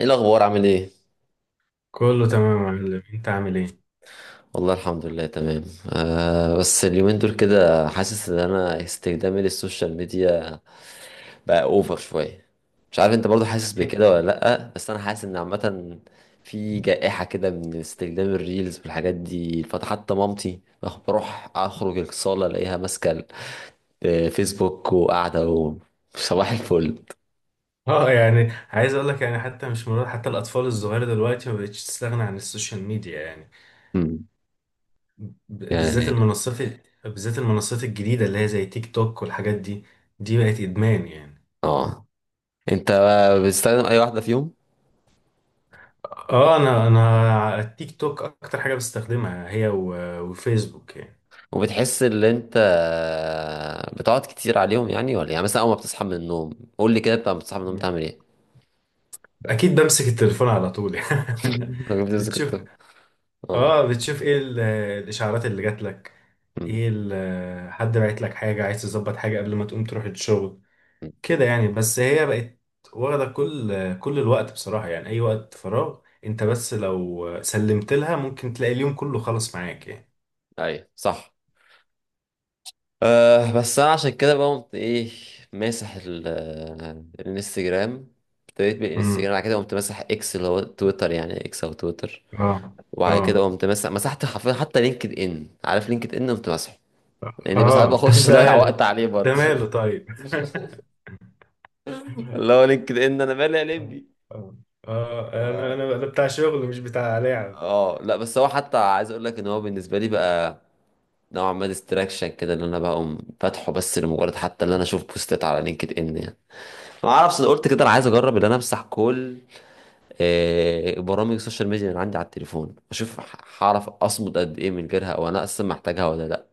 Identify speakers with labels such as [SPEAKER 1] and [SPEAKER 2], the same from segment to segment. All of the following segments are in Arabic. [SPEAKER 1] ايه الاخبار عامل ايه؟
[SPEAKER 2] كله تمام يا معلم، انت عامل ايه؟
[SPEAKER 1] والله الحمد لله تمام. آه بس اليومين دول كده حاسس ان انا استخدامي للسوشيال ميديا بقى اوفر شويه. مش عارف انت برضو حاسس بكده ولا لا، بس انا حاسس ان عامه في جائحه كده من استخدام الريلز والحاجات دي، فحتى مامتي بروح اخرج الصاله الاقيها ماسكه الفيسبوك وقاعده صباح الفل.
[SPEAKER 2] اه، يعني عايز اقول لك يعني حتى مش مرات، حتى الاطفال الصغيره دلوقتي ما بقتش تستغنى عن السوشيال ميديا يعني.
[SPEAKER 1] مم.
[SPEAKER 2] ب- بالذات
[SPEAKER 1] يعني.
[SPEAKER 2] المنصات الجديده اللي هي زي تيك توك والحاجات دي، دي بقت ادمان يعني.
[SPEAKER 1] اه. انت بتستخدم اي واحده فيهم؟
[SPEAKER 2] اه، انا التيك توك اكتر حاجه بستخدمها، هي وفيسبوك يعني.
[SPEAKER 1] وبتحس ان انت بتقعد كتير عليهم يعني ولا إيه؟ يعني مثلا اول ما بتصحى من النوم، قول لي كده بقى بتصحى من النوم
[SPEAKER 2] مم.
[SPEAKER 1] تعمل ايه؟
[SPEAKER 2] اكيد بمسك التليفون على طول يعني.
[SPEAKER 1] أنا بتمسك
[SPEAKER 2] بتشوف.
[SPEAKER 1] التليفون. اه.
[SPEAKER 2] اه، بتشوف ايه الاشعارات اللي جات لك،
[SPEAKER 1] أمم.
[SPEAKER 2] ايه حد بعت لك حاجه، عايز تظبط حاجه قبل ما تقوم تروح الشغل
[SPEAKER 1] أمم.
[SPEAKER 2] كده يعني. بس هي بقت واخده كل الوقت بصراحه، يعني اي وقت فراغ انت بس لو سلمت لها، ممكن تلاقي اليوم كله خلص معاك يعني.
[SPEAKER 1] ايوه صح. أه بس انا عشان كده بقى قمت ايه، ماسح الانستجرام. ابتديت
[SPEAKER 2] امم.
[SPEAKER 1] بالانستجرام، بعد كده قمت ماسح اكس اللي هو تويتر، يعني اكس او تويتر.
[SPEAKER 2] اه، اه،
[SPEAKER 1] وبعد كده قمت مسحت حرفيا حتى لينكد ان، عارف لينكد ان؟ قمت مسحه. لان بس ساعات
[SPEAKER 2] اه. طب
[SPEAKER 1] بخش اضيع
[SPEAKER 2] ده
[SPEAKER 1] وقت عليه
[SPEAKER 2] ده
[SPEAKER 1] برضه.
[SPEAKER 2] ماله طيب؟
[SPEAKER 1] اللي هو لينكد ان انا مالي يا
[SPEAKER 2] اه،
[SPEAKER 1] لمبي.
[SPEAKER 2] اه، انا انا أنا بتاع شغل مش بتاع لعب.
[SPEAKER 1] اه لا، بس هو حتى عايز اقول لك ان هو بالنسبه لي بقى نوعا ما ديستراكشن كده، ان انا بقوم فاتحه بس لمجرد حتى ان انا اشوف بوستات على لينكد ان يعني. ما اعرفش، انا قلت كده انا عايز اجرب ان انا امسح كل برامج السوشيال ميديا اللي عندي على التليفون، اشوف هعرف اصمد قد ايه من غيرها، او انا اصلا محتاجها ولا لا.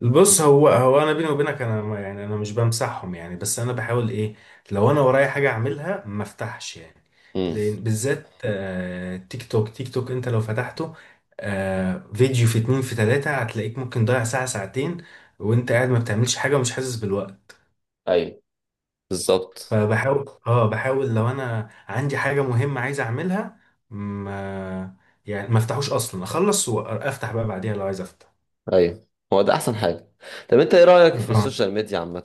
[SPEAKER 2] بص، هو انا، بيني وبينك، انا يعني انا مش بمسحهم يعني، بس انا بحاول ايه؟ لو انا ورايا حاجه اعملها ما افتحش يعني،
[SPEAKER 1] امم.
[SPEAKER 2] لان بالذات تيك توك، تيك توك انت لو فتحته، فيديو، في اتنين، في تلاته، هتلاقيك ممكن ضايع ساعه، ساعتين وانت قاعد ما بتعملش حاجه ومش حاسس بالوقت.
[SPEAKER 1] ايوه. بالظبط.
[SPEAKER 2] فبحاول اه بحاول لو انا عندي حاجه مهمه عايز اعملها، ما ما افتحوش اصلا، اخلص وافتح بقى بعديها لو عايز افتح.
[SPEAKER 1] ايوه هو ده احسن حاجه. طب انت ايه رايك في السوشيال ميديا عامه؟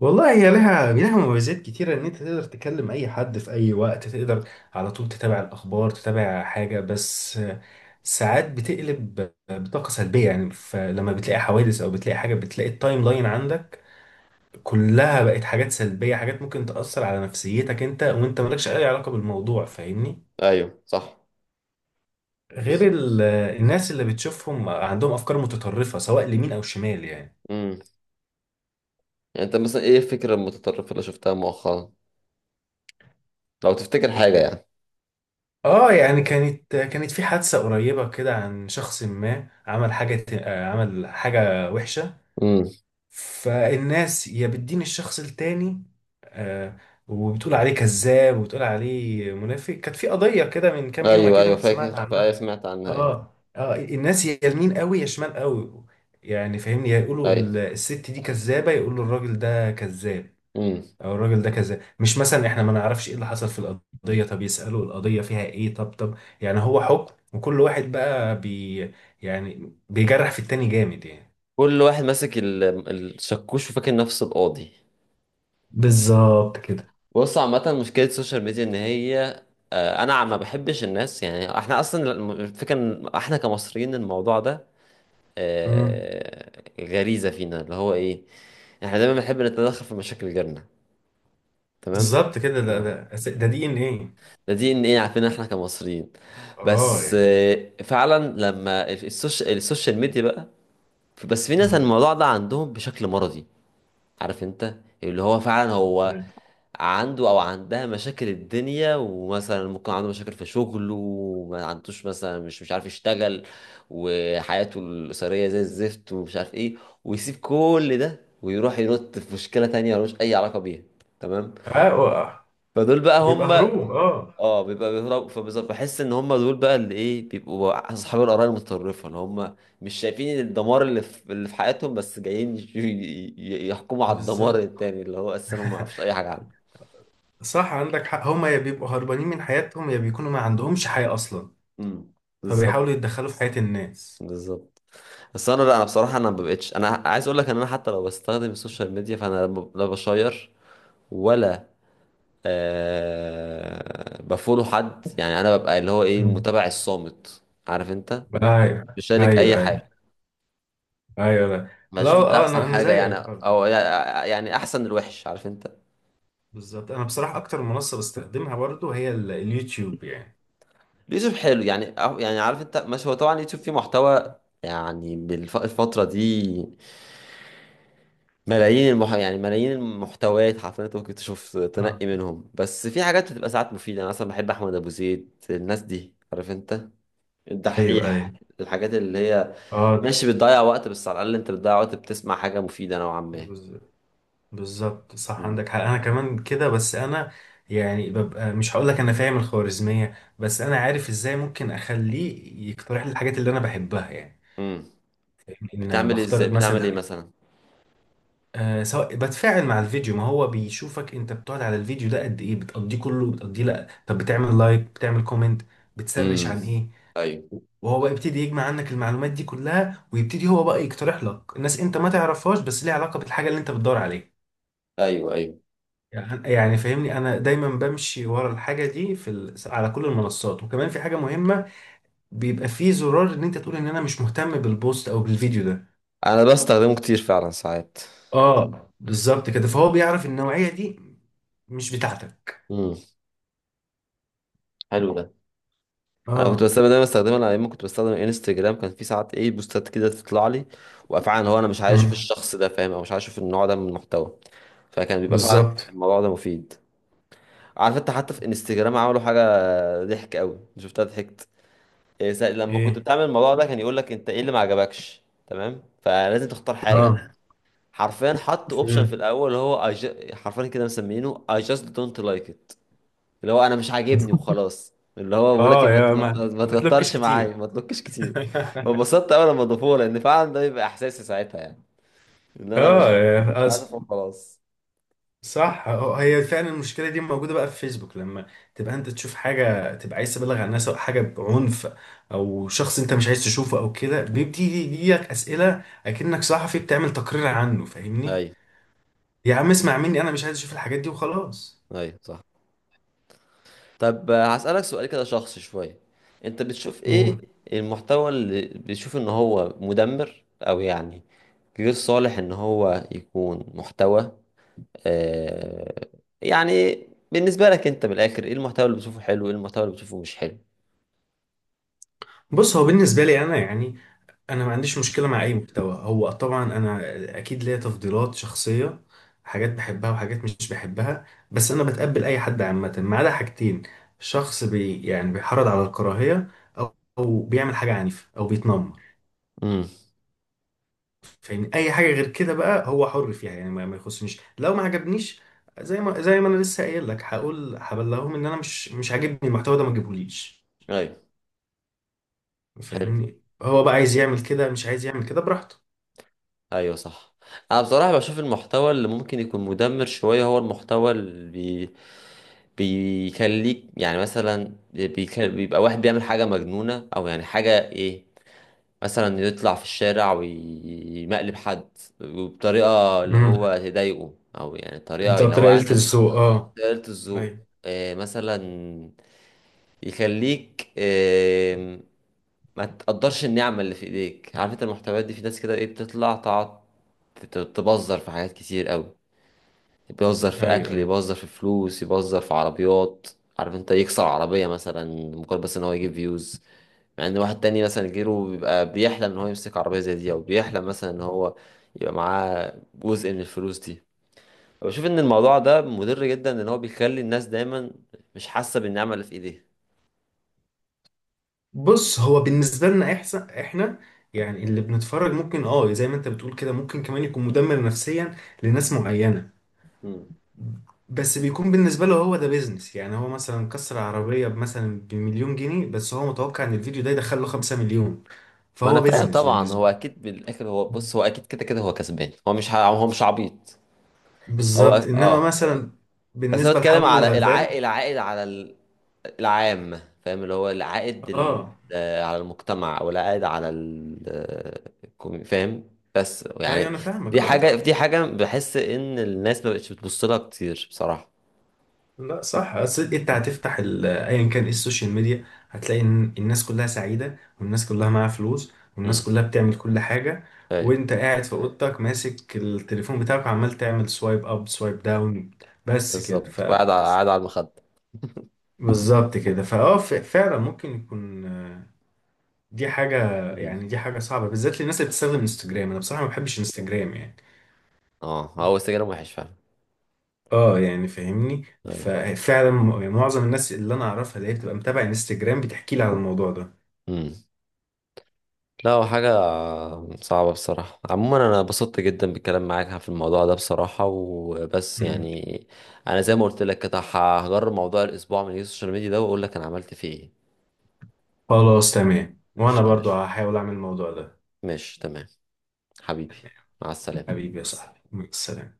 [SPEAKER 2] والله هي لها مميزات كتيرة، إن أنت تقدر تكلم أي حد في أي وقت، تقدر على طول تتابع الأخبار، تتابع حاجة. بس ساعات بتقلب بطاقة سلبية يعني، فلما بتلاقي حوادث أو بتلاقي حاجة، بتلاقي التايم لاين عندك كلها بقت حاجات سلبية، حاجات ممكن تأثر على نفسيتك أنت وأنت مالكش أي علاقة بالموضوع، فاهمني؟
[SPEAKER 1] ايوه صح.
[SPEAKER 2] غير
[SPEAKER 1] بالظبط.
[SPEAKER 2] الناس اللي بتشوفهم عندهم أفكار متطرفة سواء اليمين أو الشمال يعني.
[SPEAKER 1] امم. يعني انت مثلا ايه الفكره المتطرفه اللي شفتها مؤخرا، لو تفتكر حاجة يعني؟
[SPEAKER 2] اه يعني، كانت في حادثة قريبة كده، عن شخص ما عمل حاجة، عمل حاجة وحشة،
[SPEAKER 1] امم.
[SPEAKER 2] فالناس يا بتدين الشخص التاني، آه، وبتقول عليه كذاب وبتقول عليه منافق. كانت في قضية كده من كام يوم،
[SPEAKER 1] ايوه
[SPEAKER 2] أكيد
[SPEAKER 1] ايوه
[SPEAKER 2] أنت
[SPEAKER 1] فاكر،
[SPEAKER 2] سمعت
[SPEAKER 1] ايوه
[SPEAKER 2] عنها.
[SPEAKER 1] سمعت عنها، ايوه.
[SPEAKER 2] اه، اه، الناس يا يمين قوي يا شمال قوي يعني، فاهمني، يا يقولوا
[SPEAKER 1] ايوه.
[SPEAKER 2] الست دي كذابة، يقولوا الراجل ده كذاب
[SPEAKER 1] امم.
[SPEAKER 2] او الراجل ده كذا. مش مثلا احنا ما نعرفش ايه اللي حصل في القضيه؟ طب يسالوا، القضيه فيها ايه؟ طب يعني هو حكم، وكل واحد بقى يعني بيجرح في التاني جامد يعني.
[SPEAKER 1] كل واحد ماسك الشكوش وفاكر نفسه القاضي.
[SPEAKER 2] بالظبط كده.
[SPEAKER 1] بص، عامة مشكلة السوشيال ميديا ان هي، انا ما بحبش الناس، يعني احنا اصلا الفكرة ان احنا كمصريين الموضوع ده
[SPEAKER 2] امم.
[SPEAKER 1] غريزة فينا اللي هو ايه، احنا دايما بنحب نتدخل في مشاكل غيرنا. تمام.
[SPEAKER 2] بالظبط كده، ده
[SPEAKER 1] مم.
[SPEAKER 2] ده ده دي ان ايه.
[SPEAKER 1] ده DNA، عارفين احنا كمصريين.
[SPEAKER 2] اه
[SPEAKER 1] بس
[SPEAKER 2] يعني.
[SPEAKER 1] فعلا لما السوشيال ميديا بقى، بس في ناس
[SPEAKER 2] امم.
[SPEAKER 1] الموضوع ده عندهم بشكل مرضي. عارف انت، اللي هو فعلا هو
[SPEAKER 2] مم.
[SPEAKER 1] عنده او عندها مشاكل الدنيا، ومثلا ممكن عنده مشاكل في شغله وما عندوش، مثلا مش عارف يشتغل وحياته الأسرية زي الزفت ومش عارف ايه، ويسيب كل ده ويروح ينط في مشكلة تانية ملوش أي علاقة بيها. تمام.
[SPEAKER 2] اه. آه.
[SPEAKER 1] فدول بقى
[SPEAKER 2] بيبقى
[SPEAKER 1] هم.
[SPEAKER 2] هروب، اه.
[SPEAKER 1] اه بيبقى بيهرب، فبالظبط بحس ان هم دول بقى اللي ايه بيبقوا اصحاب القرايه المتطرفه اللي هم مش شايفين الدمار اللي في حياتهم، بس جايين يحكموا على الدمار
[SPEAKER 2] بالظبط.
[SPEAKER 1] التاني اللي هو اساسا هم ما يعرفوش اي حاجه عنه.
[SPEAKER 2] صح، عندك حق، هما يا بيبقوا هربانين من حياتهم يا بيكونوا ما عندهمش حياة أصلا،
[SPEAKER 1] امم. بالظبط.
[SPEAKER 2] فبيحاولوا يتدخلوا في حياة الناس.
[SPEAKER 1] بالظبط. بس انا لا انا بصراحه انا ما بقتش، انا عايز اقول لك ان انا حتى لو بستخدم السوشيال ميديا فانا لا بشير ولا بفولو حد، يعني انا ببقى اللي هو ايه
[SPEAKER 2] مم.
[SPEAKER 1] المتابع الصامت. عارف انت،
[SPEAKER 2] ايوه،
[SPEAKER 1] بشارك
[SPEAKER 2] ايوه،
[SPEAKER 1] اي
[SPEAKER 2] ايوه.
[SPEAKER 1] حاجه،
[SPEAKER 2] ايوه، لا. لا،
[SPEAKER 1] بشوف، ده
[SPEAKER 2] اه،
[SPEAKER 1] احسن
[SPEAKER 2] انا
[SPEAKER 1] حاجه يعني،
[SPEAKER 2] زيك برضه.
[SPEAKER 1] او يعني احسن الوحش، عارف انت.
[SPEAKER 2] بالظبط، انا بصراحه اكتر منصه بستخدمها برضه هي اليوتيوب يعني.
[SPEAKER 1] اليوتيوب حلو يعني. يعني عارف انت، مش هو طبعا اليوتيوب فيه محتوى يعني بالفتره دي يعني ملايين المحتويات حرفيا، انت ممكن تشوف
[SPEAKER 2] اه.
[SPEAKER 1] تنقي منهم، بس في حاجات بتبقى ساعات مفيده. انا مثلا بحب احمد ابو زيد، الناس دي، عارف انت،
[SPEAKER 2] ايوه،
[SPEAKER 1] الدحيح،
[SPEAKER 2] ايوه.
[SPEAKER 1] الحاجات اللي هي،
[SPEAKER 2] اه.
[SPEAKER 1] ماشي بتضيع وقت بس على الاقل انت بتضيع وقت بتسمع حاجه مفيده نوعا ما.
[SPEAKER 2] بز- بالظبط، صح، عندك حق، انا كمان كده. بس انا يعني ببقى، مش هقول لك انا فاهم الخوارزميه، بس انا عارف ازاي ممكن اخليه يقترح لي الحاجات اللي انا بحبها يعني.
[SPEAKER 1] امم.
[SPEAKER 2] ان
[SPEAKER 1] بتعمل
[SPEAKER 2] بختار
[SPEAKER 1] ازاي، بتعمل ايه
[SPEAKER 2] مثلا،
[SPEAKER 1] مثلا؟
[SPEAKER 2] سواء بتفاعل مع الفيديو، ما هو بيشوفك انت بتقعد على الفيديو ده قد ايه، بتقضيه كله بتقضيه لا، طب بتعمل لايك، بتعمل كومنت، بتسرش
[SPEAKER 1] امم.
[SPEAKER 2] عن ايه،
[SPEAKER 1] ايوه.
[SPEAKER 2] وهو بقى يبتدي يجمع عنك المعلومات دي كلها، ويبتدي هو بقى يقترح لك الناس انت ما تعرفهاش، بس ليها علاقة بالحاجة اللي انت بتدور عليها.
[SPEAKER 1] ايوه ايوه.
[SPEAKER 2] يعني فاهمني، انا دايما بمشي ورا الحاجة دي على كل المنصات. وكمان في حاجة مهمة، بيبقى فيه زرار ان انت تقول ان انا مش مهتم بالبوست او بالفيديو ده.
[SPEAKER 1] انا بستخدمه كتير فعلا ساعات.
[SPEAKER 2] اه، بالظبط كده، فهو بيعرف النوعية دي مش بتاعتك.
[SPEAKER 1] امم. حلو ده. انا كنت
[SPEAKER 2] اه.
[SPEAKER 1] بستخدم، دايما بستخدمه انا ايام ما كنت بستخدم انستجرام، كان في ساعات ايه بوستات كده تطلع لي وفعلا هو انا مش عايز اشوف
[SPEAKER 2] امم.
[SPEAKER 1] الشخص ده، فاهم؟ او مش عايز اشوف النوع ده من المحتوى، فكان بيبقى فعلا
[SPEAKER 2] بالظبط.
[SPEAKER 1] الموضوع ده مفيد. عارف انت حتى في انستجرام عملوا حاجه، ضحك قوي، شفتها، ضحكت. إيه لما كنت
[SPEAKER 2] ايه،
[SPEAKER 1] بتعمل الموضوع ده كان يقول لك انت ايه اللي ما عجبكش؟ تمام، فلازم تختار حاجه.
[SPEAKER 2] اه.
[SPEAKER 1] حرفيا حط اوبشن في
[SPEAKER 2] امم.
[SPEAKER 1] الاول اللي هو حرفيا كده مسمينه I just don't like it. اللي هو انا مش عاجبني وخلاص، اللي هو بقول لك إيه،
[SPEAKER 2] اه، يا ما
[SPEAKER 1] ما
[SPEAKER 2] ما تلوكش
[SPEAKER 1] تكترش
[SPEAKER 2] كتير.
[SPEAKER 1] معايا، ما تنكش كتير. فانبسطت اول لما ضافوها، لان فعلا ده يبقى احساسي ساعتها يعني ان انا
[SPEAKER 2] اه،
[SPEAKER 1] مش
[SPEAKER 2] يا
[SPEAKER 1] عارف وخلاص.
[SPEAKER 2] صح، هي فعلا المشكله دي موجوده بقى في فيسبوك، لما تبقى انت تشوف حاجه تبقى عايز تبلغ عن الناس، او حاجه بعنف، او شخص انت مش عايز تشوفه، او كده بيبتدي يجيلك اسئله اكنك صحفي بتعمل تقرير عنه، فاهمني؟
[SPEAKER 1] ايوه.
[SPEAKER 2] يا عم اسمع مني، انا مش عايز اشوف الحاجات دي وخلاص.
[SPEAKER 1] ايوه صح. طب هسألك سؤال كده شخصي شوية. انت بتشوف ايه
[SPEAKER 2] قول.
[SPEAKER 1] المحتوى اللي بتشوف ان هو مدمر، او يعني غير صالح ان هو يكون محتوى؟ آه يعني بالنسبة لك انت من الاخر ايه المحتوى اللي بتشوفه حلو، ايه المحتوى اللي بتشوفه مش حلو؟
[SPEAKER 2] بص، هو بالنسبه لي انا يعني، انا ما عنديش مشكله مع اي محتوى. هو طبعا انا اكيد ليا تفضيلات شخصيه، حاجات بحبها وحاجات مش بحبها، بس انا بتقبل اي حد عامه ما عدا حاجتين: شخص يعني بيحرض على الكراهيه، أو بيعمل حاجه عنيفه او بيتنمر.
[SPEAKER 1] امم.
[SPEAKER 2] فاهمني؟ اي حاجه غير كده بقى هو حر فيها يعني، ما يخصنيش، لو ما عجبنيش، زي ما انا لسه قايل لك، هقول هبلغهم ان انا مش عاجبني المحتوى ده، ما تجيبهوليش.
[SPEAKER 1] ايوه. حلو.
[SPEAKER 2] فاهمني؟ هو بقى عايز يعمل كده، مش عايز يعمل كده، براحته.
[SPEAKER 1] ايوه صح. انا بصراحه بشوف المحتوى اللي ممكن يكون مدمر شويه هو المحتوى اللي بي... بيخليك يعني، مثلا بيبقى واحد بيعمل حاجه مجنونه او يعني حاجه ايه، مثلا يطلع في الشارع ويمقلب حد وبطريقه اللي
[SPEAKER 2] امم.
[SPEAKER 1] هو تضايقه، او يعني طريقه
[SPEAKER 2] ده
[SPEAKER 1] اللي هو
[SPEAKER 2] طريقه
[SPEAKER 1] انا
[SPEAKER 2] الذوق، اه.
[SPEAKER 1] قلت الذوق،
[SPEAKER 2] ايوه،
[SPEAKER 1] مثلا يخليك ما تقدرش النعمة اللي في ايديك. عارف انت المحتويات دي في ناس كده ايه بتطلع تقعد تبذر في حاجات كتير قوي، يبذر في
[SPEAKER 2] ايوه،
[SPEAKER 1] اكل،
[SPEAKER 2] ايوه.
[SPEAKER 1] يبذر في فلوس، يبذر في عربيات، عارف انت، يكسر عربية مثلا مجرد بس ان هو يجيب فيوز، مع ان واحد تاني مثلا غيره بيبقى بيحلم ان هو يمسك عربية زي دي، او بيحلم مثلا ان هو يبقى معاه جزء من الفلوس دي. بشوف ان الموضوع ده مضر جدا، ان هو بيخلي الناس دايما مش حاسة بالنعمة اللي في ايديها.
[SPEAKER 2] بص، هو بالنسبه لنا احسن احنا يعني اللي بنتفرج، ممكن اه، زي ما انت بتقول كده، ممكن كمان يكون مدمر نفسيا لناس معينه،
[SPEAKER 1] مم.
[SPEAKER 2] بس بيكون بالنسبه له هو ده بيزنس يعني. هو مثلا كسر عربيه مثلا بمليون جنيه، بس هو متوقع ان الفيديو ده يدخل له 5 مليون،
[SPEAKER 1] ما انا
[SPEAKER 2] فهو
[SPEAKER 1] فاهم
[SPEAKER 2] بيزنس
[SPEAKER 1] طبعا،
[SPEAKER 2] بالنسبه
[SPEAKER 1] هو
[SPEAKER 2] له.
[SPEAKER 1] اكيد بالاخر هو، بص هو اكيد كده كده هو كسبان، هو مش عبيط. هو
[SPEAKER 2] بالظبط. انما
[SPEAKER 1] اه.
[SPEAKER 2] مثلا
[SPEAKER 1] بس انا
[SPEAKER 2] بالنسبه
[SPEAKER 1] بتكلم
[SPEAKER 2] لحمو
[SPEAKER 1] على
[SPEAKER 2] الغلبان.
[SPEAKER 1] العائد على العام، فاهم؟ اللي هو العائد
[SPEAKER 2] اه.
[SPEAKER 1] على المجتمع، او العائد على فاهم بس
[SPEAKER 2] ايوه،
[SPEAKER 1] يعني.
[SPEAKER 2] انا فاهمك،
[SPEAKER 1] دي
[SPEAKER 2] اه،
[SPEAKER 1] حاجة، دي حاجة بحس ان الناس ما بقتش بتبص لها كتير بصراحة.
[SPEAKER 2] لا، صح، اصل انت هتفتح ايا كان ايه السوشيال ميديا، هتلاقي ان الناس كلها سعيده، والناس كلها معاها فلوس،
[SPEAKER 1] امم.
[SPEAKER 2] والناس كلها بتعمل كل حاجه،
[SPEAKER 1] ايوه.
[SPEAKER 2] وانت قاعد في اوضتك ماسك التليفون بتاعك، وعمال تعمل سوايب اب، سوايب داون، بس كده.
[SPEAKER 1] بالظبط وقاعد قاعد على المخدة.
[SPEAKER 2] بالظبط كده. فعلا ممكن يكون، دي حاجه
[SPEAKER 1] مم.
[SPEAKER 2] يعني دي حاجه صعبه، بالذات للناس اللي بتستخدم انستجرام. انا بصراحه ما بحبش انستجرام يعني.
[SPEAKER 1] اه هو السجاير وحش فعلا.
[SPEAKER 2] اه يعني فاهمني،
[SPEAKER 1] ايوه.
[SPEAKER 2] ففعلا يعني معظم الناس اللي انا اعرفها، اللي هي بتبقى متابعه انستجرام، بتحكي لي على الموضوع ده.
[SPEAKER 1] مم. لا هو حاجة صعبة بصراحة. عموما أنا اتبسطت جدا بالكلام معاك في الموضوع ده بصراحة وبس
[SPEAKER 2] مم.
[SPEAKER 1] يعني. أنا زي ما قلت لك كده هجرب موضوع الأسبوع من السوشيال ميديا ده وأقول لك أنا عملت فيه إيه.
[SPEAKER 2] خلاص، تمام، وانا
[SPEAKER 1] قشطة
[SPEAKER 2] برضو
[SPEAKER 1] ماشي.
[SPEAKER 2] هحاول اعمل الموضوع ده.
[SPEAKER 1] ماشي تمام. حبيبي.
[SPEAKER 2] تمام.
[SPEAKER 1] مع السلامة.
[SPEAKER 2] حبيبي يا صاحبي، مع السلامة.